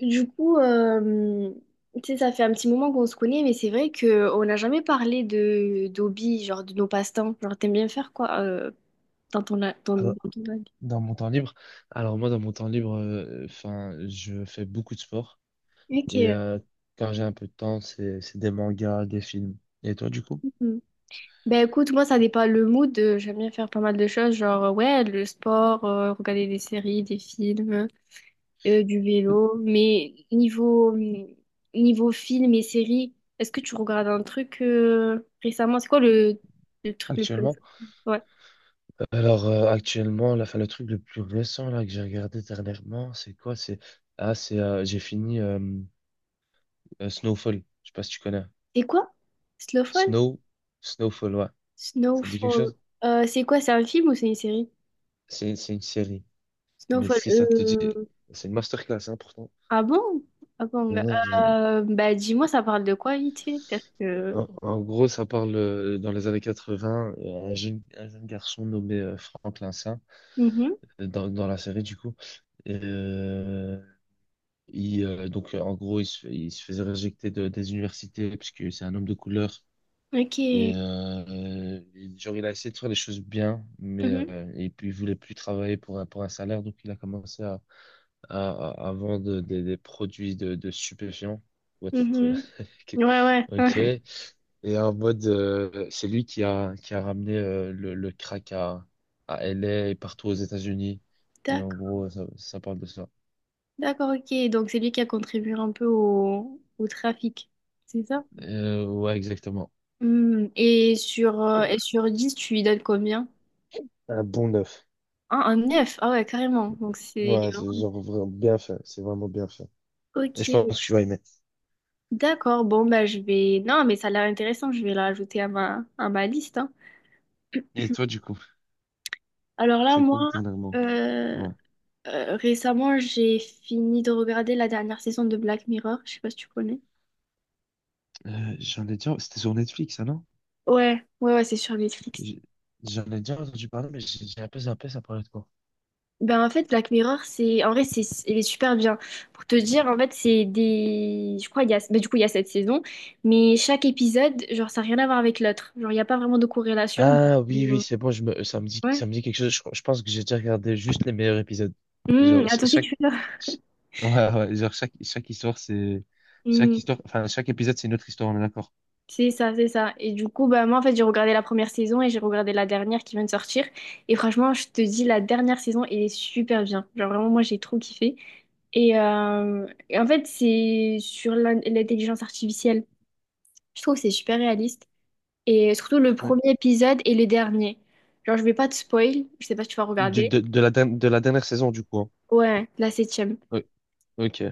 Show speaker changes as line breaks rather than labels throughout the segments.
Du coup, tu sais, ça fait un petit moment qu'on se connaît, mais c'est vrai qu'on n'a jamais parlé de d'hobby, genre de nos passe-temps. Genre, t'aimes bien faire quoi dans ton,
Alors,
dans ton hobby?
dans mon temps libre, alors moi dans mon temps libre, enfin, je fais beaucoup de sport et
Ok.
quand j'ai un peu de temps, c'est des mangas, des films. Et toi du coup,
Mhm. Ben écoute, moi, ça dépend le mood. J'aime bien faire pas mal de choses, genre, ouais, le sport, regarder des séries, des films, du vélo. Mais niveau film et séries, est-ce que tu regardes un truc récemment? C'est quoi le truc le plus.
actuellement? Actuellement, là, 'fin, le truc le plus récent là que j'ai regardé dernièrement, c'est quoi? C'est ah c'est J'ai fini Snowfall. Je sais pas si tu connais.
C'est quoi? Snowfall?
Snow Snowfall, ouais. Ça te dit quelque
Snowfall.
chose?
C'est quoi? C'est un film ou c'est une série?
C'est une série. Mais
Snowfall.
si ça te dit, c'est une masterclass hein, pourtant.
Ah bon? Ah bon. Bah dis-moi, ça parle de quoi vite fait? Parce que.
En gros, ça parle dans les années 80, un jeune garçon nommé Franck Lincin,
Mhm.
dans la série du coup. Et, euh, En gros, il se faisait réjecter des universités puisque c'est un homme de couleur. Et
Ok.
genre, il a essayé de faire les choses bien,
Mhm.
et puis il voulait plus travailler pour, pour un salaire, donc il a commencé à vendre des produits de stupéfiants. pour être-
Mhm. Ouais,
Ok.
ouais.
Et en mode, c'est lui qui a ramené le crack à LA et partout aux États-Unis. Et en
D'accord.
gros, ça parle de ça.
D'accord, ok. Donc c'est lui qui a contribué un peu au trafic. C'est ça?
Ouais, exactement.
Hmm. Et sur 10, tu lui donnes combien?
Un bon 9.
Ah, un 9. Ah ouais, carrément. Donc c'est.
Ouais, c'est genre vraiment bien fait. C'est vraiment bien fait. Et je pense
Ok.
que tu vas aimer.
D'accord, bon, bah, je vais. Non, mais ça a l'air intéressant, je vais la rajouter à ma liste. Hein.
Et toi, du coup,
Alors là,
c'est
moi,
quoi que dernièrement?
euh,
Ouais.
récemment, j'ai fini de regarder la dernière saison de Black Mirror, je sais pas si tu connais.
J'en ai déjà, c'était sur Netflix, ça, non?
Ouais, ouais, ouais, c'est sur Netflix.
J'ai- J'en ai déjà entendu parler, mais j'ai un peu zappé, ça parlait de quoi?
Ben, en fait, Black Mirror, c'est. En vrai, c'est. Il est super bien. Pour te dire, en fait, c'est des. Je crois, il y a. Ben, du coup, il y a cette saison, mais chaque épisode, genre, ça n'a rien à voir avec l'autre. Genre, il n'y a pas vraiment de corrélation.
Ah oui, oui,
euh,
c'est bon, ça me dit,
Ouais.
ça me dit quelque chose. Je pense que j'ai déjà regardé juste les meilleurs épisodes. Genre,
À toi aussi, tu fais ça.
ch- ouais, ouais, genre chaque histoire, enfin, chaque épisode, c'est une autre histoire, on est d'accord.
C'est ça, c'est ça. Et du coup, bah, moi, en fait, j'ai regardé la première saison et j'ai regardé la dernière qui vient de sortir. Et franchement, je te dis, la dernière saison, elle est super bien. Genre, vraiment, moi, j'ai trop kiffé. Et en fait, c'est sur l'intelligence artificielle. Je trouve que c'est super réaliste. Et surtout, le
Ouais.
premier épisode et le dernier. Genre, je vais pas te spoil. Je sais pas si tu vas
Du-
regarder.
de, de la, derni- de la dernière saison, du coup, hein.
Ouais, la septième.
Ouais, ok,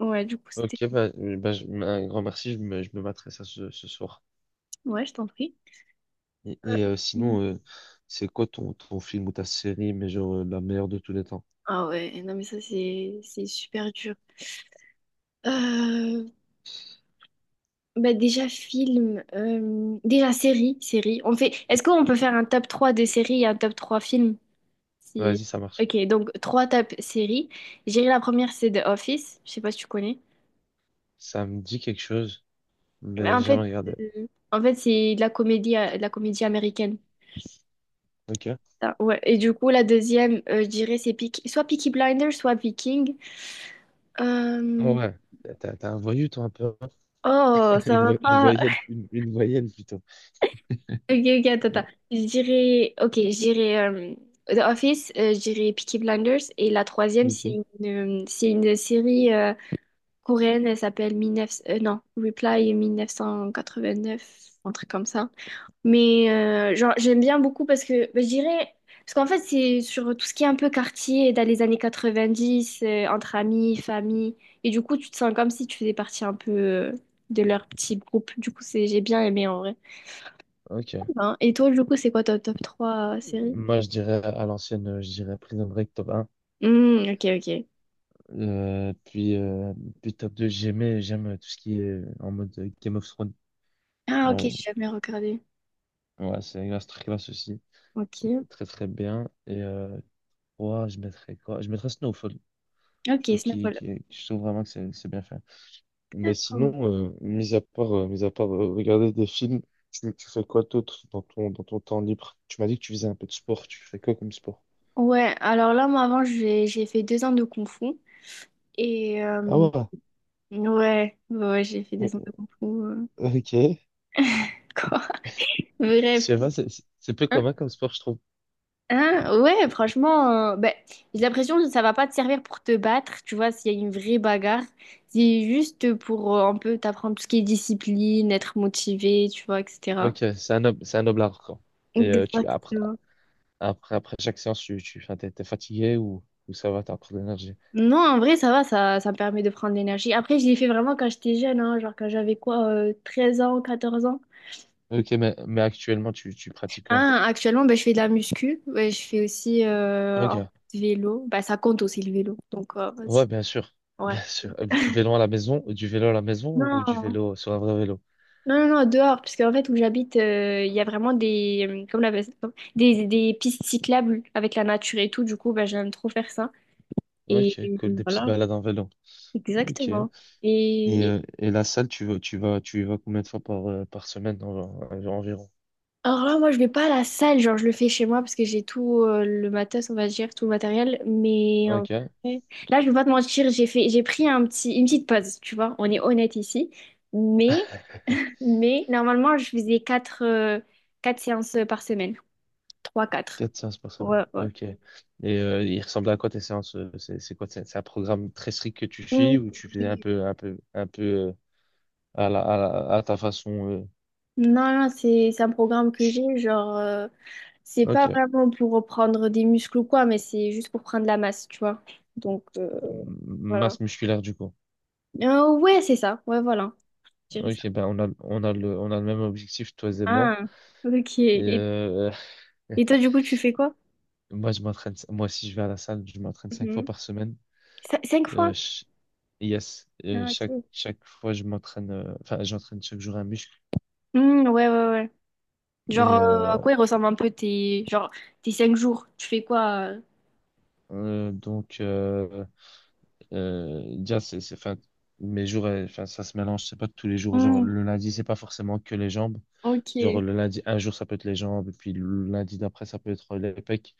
Ouais, du coup, c'était.
ok, bah, un grand merci, je me materai ça ce soir.
Ouais, je t'en prie.
Et,
Euh,
sinon, c'est quoi ton film ou ta série, mais genre la meilleure de tous les temps?
Ah ouais, non, mais ça, c'est super dur. Euh, Bah déjà film, déjà série. On fait. Est-ce qu'on peut faire un top 3 des séries et un top 3 films? Si.
Vas-y, ça marche.
Ok, donc 3 top séries. J'irai la première, c'est The Office. Je sais pas si tu connais.
Ça me dit quelque chose,
Mais
mais jamais regardé.
euh, en fait c'est de la comédie américaine.
Ok.
Ah, ouais. Et du coup, la deuxième, je dirais c'est soit Peaky Blinders, soit Viking. Euh,
Ouais, t'as un voyou, toi, un peu.
Oh, ça
Une,
va
vo-
pas.
une voyelle plutôt.
Ok, ok, attends,
Euh,
attends. Je dirais, ok, je dirais The Office, je dirais Peaky Blinders, et la troisième, c'est
Ok.
c'est une série coréenne, elle s'appelle 19. Non, Reply 1989, un truc comme ça. Mais genre, j'aime bien beaucoup parce que, bah, je dirais, parce qu'en fait, c'est sur tout ce qui est un peu quartier, dans les années 90, entre amis, famille, et du coup, tu te sens comme si tu faisais partie un peu de leur petit groupe. Du coup, c'est, j'ai bien aimé en vrai.
Ok.
Hein. Et toi, du coup, c'est quoi ta top 3 série?
Moi, je dirais à l'ancienne, je dirais Prison Break top 1.
Hmm, ok, ok.
Euh, puis, euh, puis top 2 j'aime tout ce qui est en mode Game of Thrones.
Ah, ok,
Ouais,
j'ai jamais regardé.
ouais, c'est grâce très classe aussi.
Ok.
Très, très bien. Et 3, je mettrais quoi? Je mettrais Snowfall. Je
Ok,
trouve qu'il,
Snowfall.
qu'il- je trouve vraiment que c'est bien fait. Mais
D'accord.
sinon, mis à part regarder des films, tu fais quoi d'autre dans ton temps libre? Tu m'as dit que tu faisais un peu de sport. Tu fais quoi comme sport?
Ouais, alors là, moi, avant, j'ai fait 2 ans de Kung Fu. Et
Ah ouais.
ouais, ouais, j'ai fait 2 ans
Bon,
de Kung Fu.
ok.
Quoi? Bref.
Je pas, c'est c'est peu
Hein?
commun comme sport, je trouve.
Hein? Ouais, franchement, ben, j'ai l'impression que ça va pas te servir pour te battre, tu vois, s'il y a une vraie bagarre. C'est juste pour un peu t'apprendre tout ce qui est discipline, être motivé, tu vois, etc.
Ok, c'est un noble art, quoi. Et
Exactement.
après chaque séance, t'es fatigué ou, ça va, t'as encore de l'énergie.
Non, en vrai, ça va, ça me permet de prendre de l'énergie. Après, je l'ai fait vraiment quand j'étais jeune, hein, genre quand j'avais quoi, 13 ans, 14 ans.
Ok, mais actuellement, tu pratiques quoi?
Hein, actuellement, ben je fais de la muscu. Ouais, je fais aussi un peu
Ok.
de vélo. Bah, ça compte aussi le vélo, donc vas-y.
Ouais, bien sûr.
Ouais.
Bien sûr. Vélo à la maison, du vélo à la maison
Non,
ou du
non,
vélo sur un vrai vélo?
non, non, dehors, parce qu'en fait, où j'habite, il y a vraiment des pistes cyclables avec la nature et tout, du coup, bah, j'aime trop faire ça. Et,
Ok, cool, des petites
voilà,
balades en vélo. Ok.
exactement. Et.
Et la salle, tu y vas combien de fois par semaine environ?
Alors là, moi, je vais pas à la salle, genre, je le fais chez moi parce que j'ai tout le matos, on va dire, tout le matériel. Mais en
Ok.
vrai, là, je vais pas te mentir, j'ai pris une petite pause, tu vois, on est honnête ici. Mais, mais normalement, je faisais quatre séances par semaine, trois, quatre.
4 séances par semaine.
Ouais, ouais.
Ok. Et il ressemble à quoi tes séances? C'est quoi? C'est un programme très strict que tu suis
Mm.
ou tu faisais un peu, à la, à ta façon?
Non, non, c'est un programme que j'ai, genre, c'est pas
Ok.
vraiment pour reprendre des muscles ou quoi, mais c'est juste pour prendre la masse, tu vois. Donc, voilà.
Masse musculaire du coup.
Ouais, c'est ça, ouais, voilà. Je dirais ça.
Ok, ben on a le même objectif, toi et moi.
Ah, ok.
Et
Et, toi, du coup, tu fais quoi?
moi, je m'entraîne. Si je vais à la salle, je m'entraîne 5 fois
Mhm.
par semaine.
Cinq
Euh,
fois?
Yes, et
Ah, ok.
chaque fois je m'entraîne, enfin j'entraîne chaque jour un muscle.
Hmm, ouais, ouais, ouais.
Et
Genre,
euh,
à quoi ils ressemblent un peu tes, genre, tes 5 jours? Tu fais quoi?
euh, donc, euh, Déjà, enfin, mes jours, enfin, ça se mélange, c'est pas tous les jours. Genre,
Hmm,
le lundi, c'est pas forcément que les jambes. Genre,
ok,
le lundi, un jour, ça peut être les jambes, et puis le lundi d'après, ça peut être les pecs.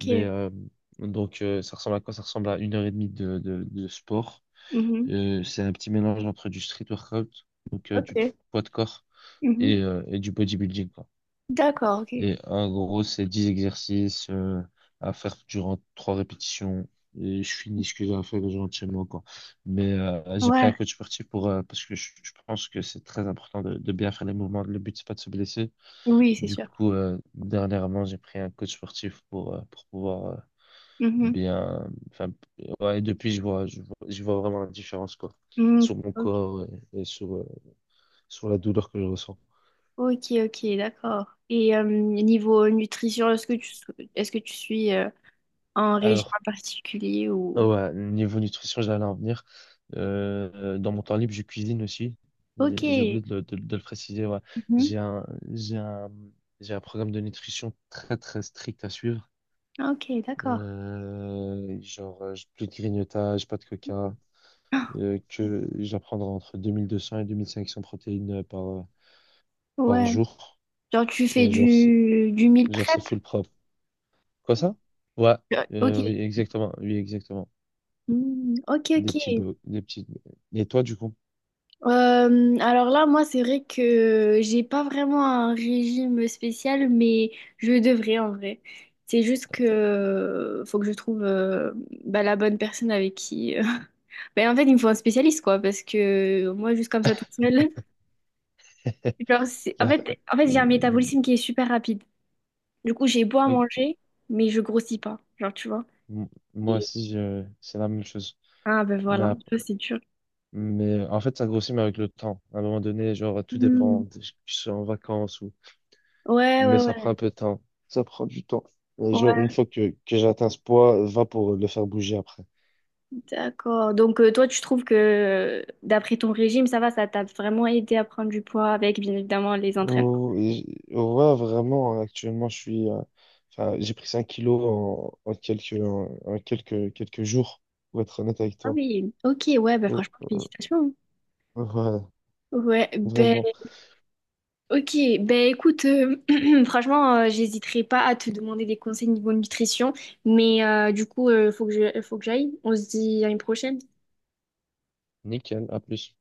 Mais donc, ça ressemble à quoi? Ça ressemble à 1 h 30 de sport.
Mhm.
C'est un petit mélange entre du street workout, donc du
Ok.
poids de corps,
Mhm.
et du bodybuilding, quoi.
D'accord, ok.
Et en gros, c'est 10 exercices à faire durant 3 répétitions. Et je finis ce que j'ai à faire gentiment, quoi. Mais j'ai pris un
Ouais,
coach sportif parce que je pense que c'est très important de bien faire les mouvements. Le but, c'est pas de se blesser.
oui, c'est
Du
sûr.
coup, dernièrement, j'ai pris un coach sportif pour pouvoir
Mhm.
bien. Enfin, ouais, et depuis, je vois vraiment la différence, quoi,
Hmm,
sur mon
ok,
corps et sur la douleur que je ressens.
ok, ok, d'accord. Et niveau nutrition, est-ce que tu, est-ce que tu suis un régime
Alors,
en particulier
ah
ou.
ouais, niveau nutrition, j'allais en venir. Dans mon temps libre, je cuisine aussi. J'ai
Ok.
j'ai oublié de le préciser. Ouais.
Mhm.
J'ai un, j'ai un, j'ai un programme de nutrition très très strict à suivre.
Ok, d'accord.
Genre, plus de grignotage, pas de coca. Que j'apprendrai entre 2 200 et 2 500 protéines par
Ouais,
jour.
genre tu fais
Et genre,
du meal
genre,
prep?
c'est full propre. Quoi ça? Ouais,
Ok.
oui, exactement. Oui, exactement.
Hmm, ok, ok.
Des petits, des petits. Et toi, du coup?
Alors là, moi, c'est vrai que j'ai pas vraiment un régime spécial, mais je devrais en vrai. C'est juste que faut que je trouve bah, la bonne personne avec qui. Ben, en fait, il me faut un spécialiste, quoi, parce que moi, juste comme ça, toute seule. Genre, en
Là,
fait, j'ai
euh,
un métabolisme qui est super rapide. Du coup, j'ai beau à
oui,
manger, mais je grossis pas. Genre, tu vois.
m- moi aussi, c'est la même chose.
Ah ben
Mais,
voilà,
ap-
ça c'est dur.
mais en fait, ça grossit, mais avec le temps. À un moment donné, genre, tout
Hmm.
dépend. Je suis en vacances ou.
Ouais, ouais,
Mais ça prend
ouais.
un peu de temps. Ça prend du temps. Et genre, une
Ouais,
fois que j'atteins ce poids, va pour le faire bouger après.
d'accord. Donc toi, tu trouves que d'après ton régime, ça va, ça t'a vraiment aidé à prendre du poids avec bien évidemment les entraînements.
Oh, et ouais, vraiment, actuellement, je suis. Enfin, j'ai pris 5 kilos en quelques jours, pour être honnête avec
Ah
toi.
oui, ok, ouais, ben
Oh,
franchement, félicitations.
ouais,
Ouais, ben
vraiment.
ok, ben écoute, franchement, j'hésiterai pas à te demander des conseils niveau nutrition, mais du coup, faut que j'aille. On se dit à une prochaine.
Nickel, à plus.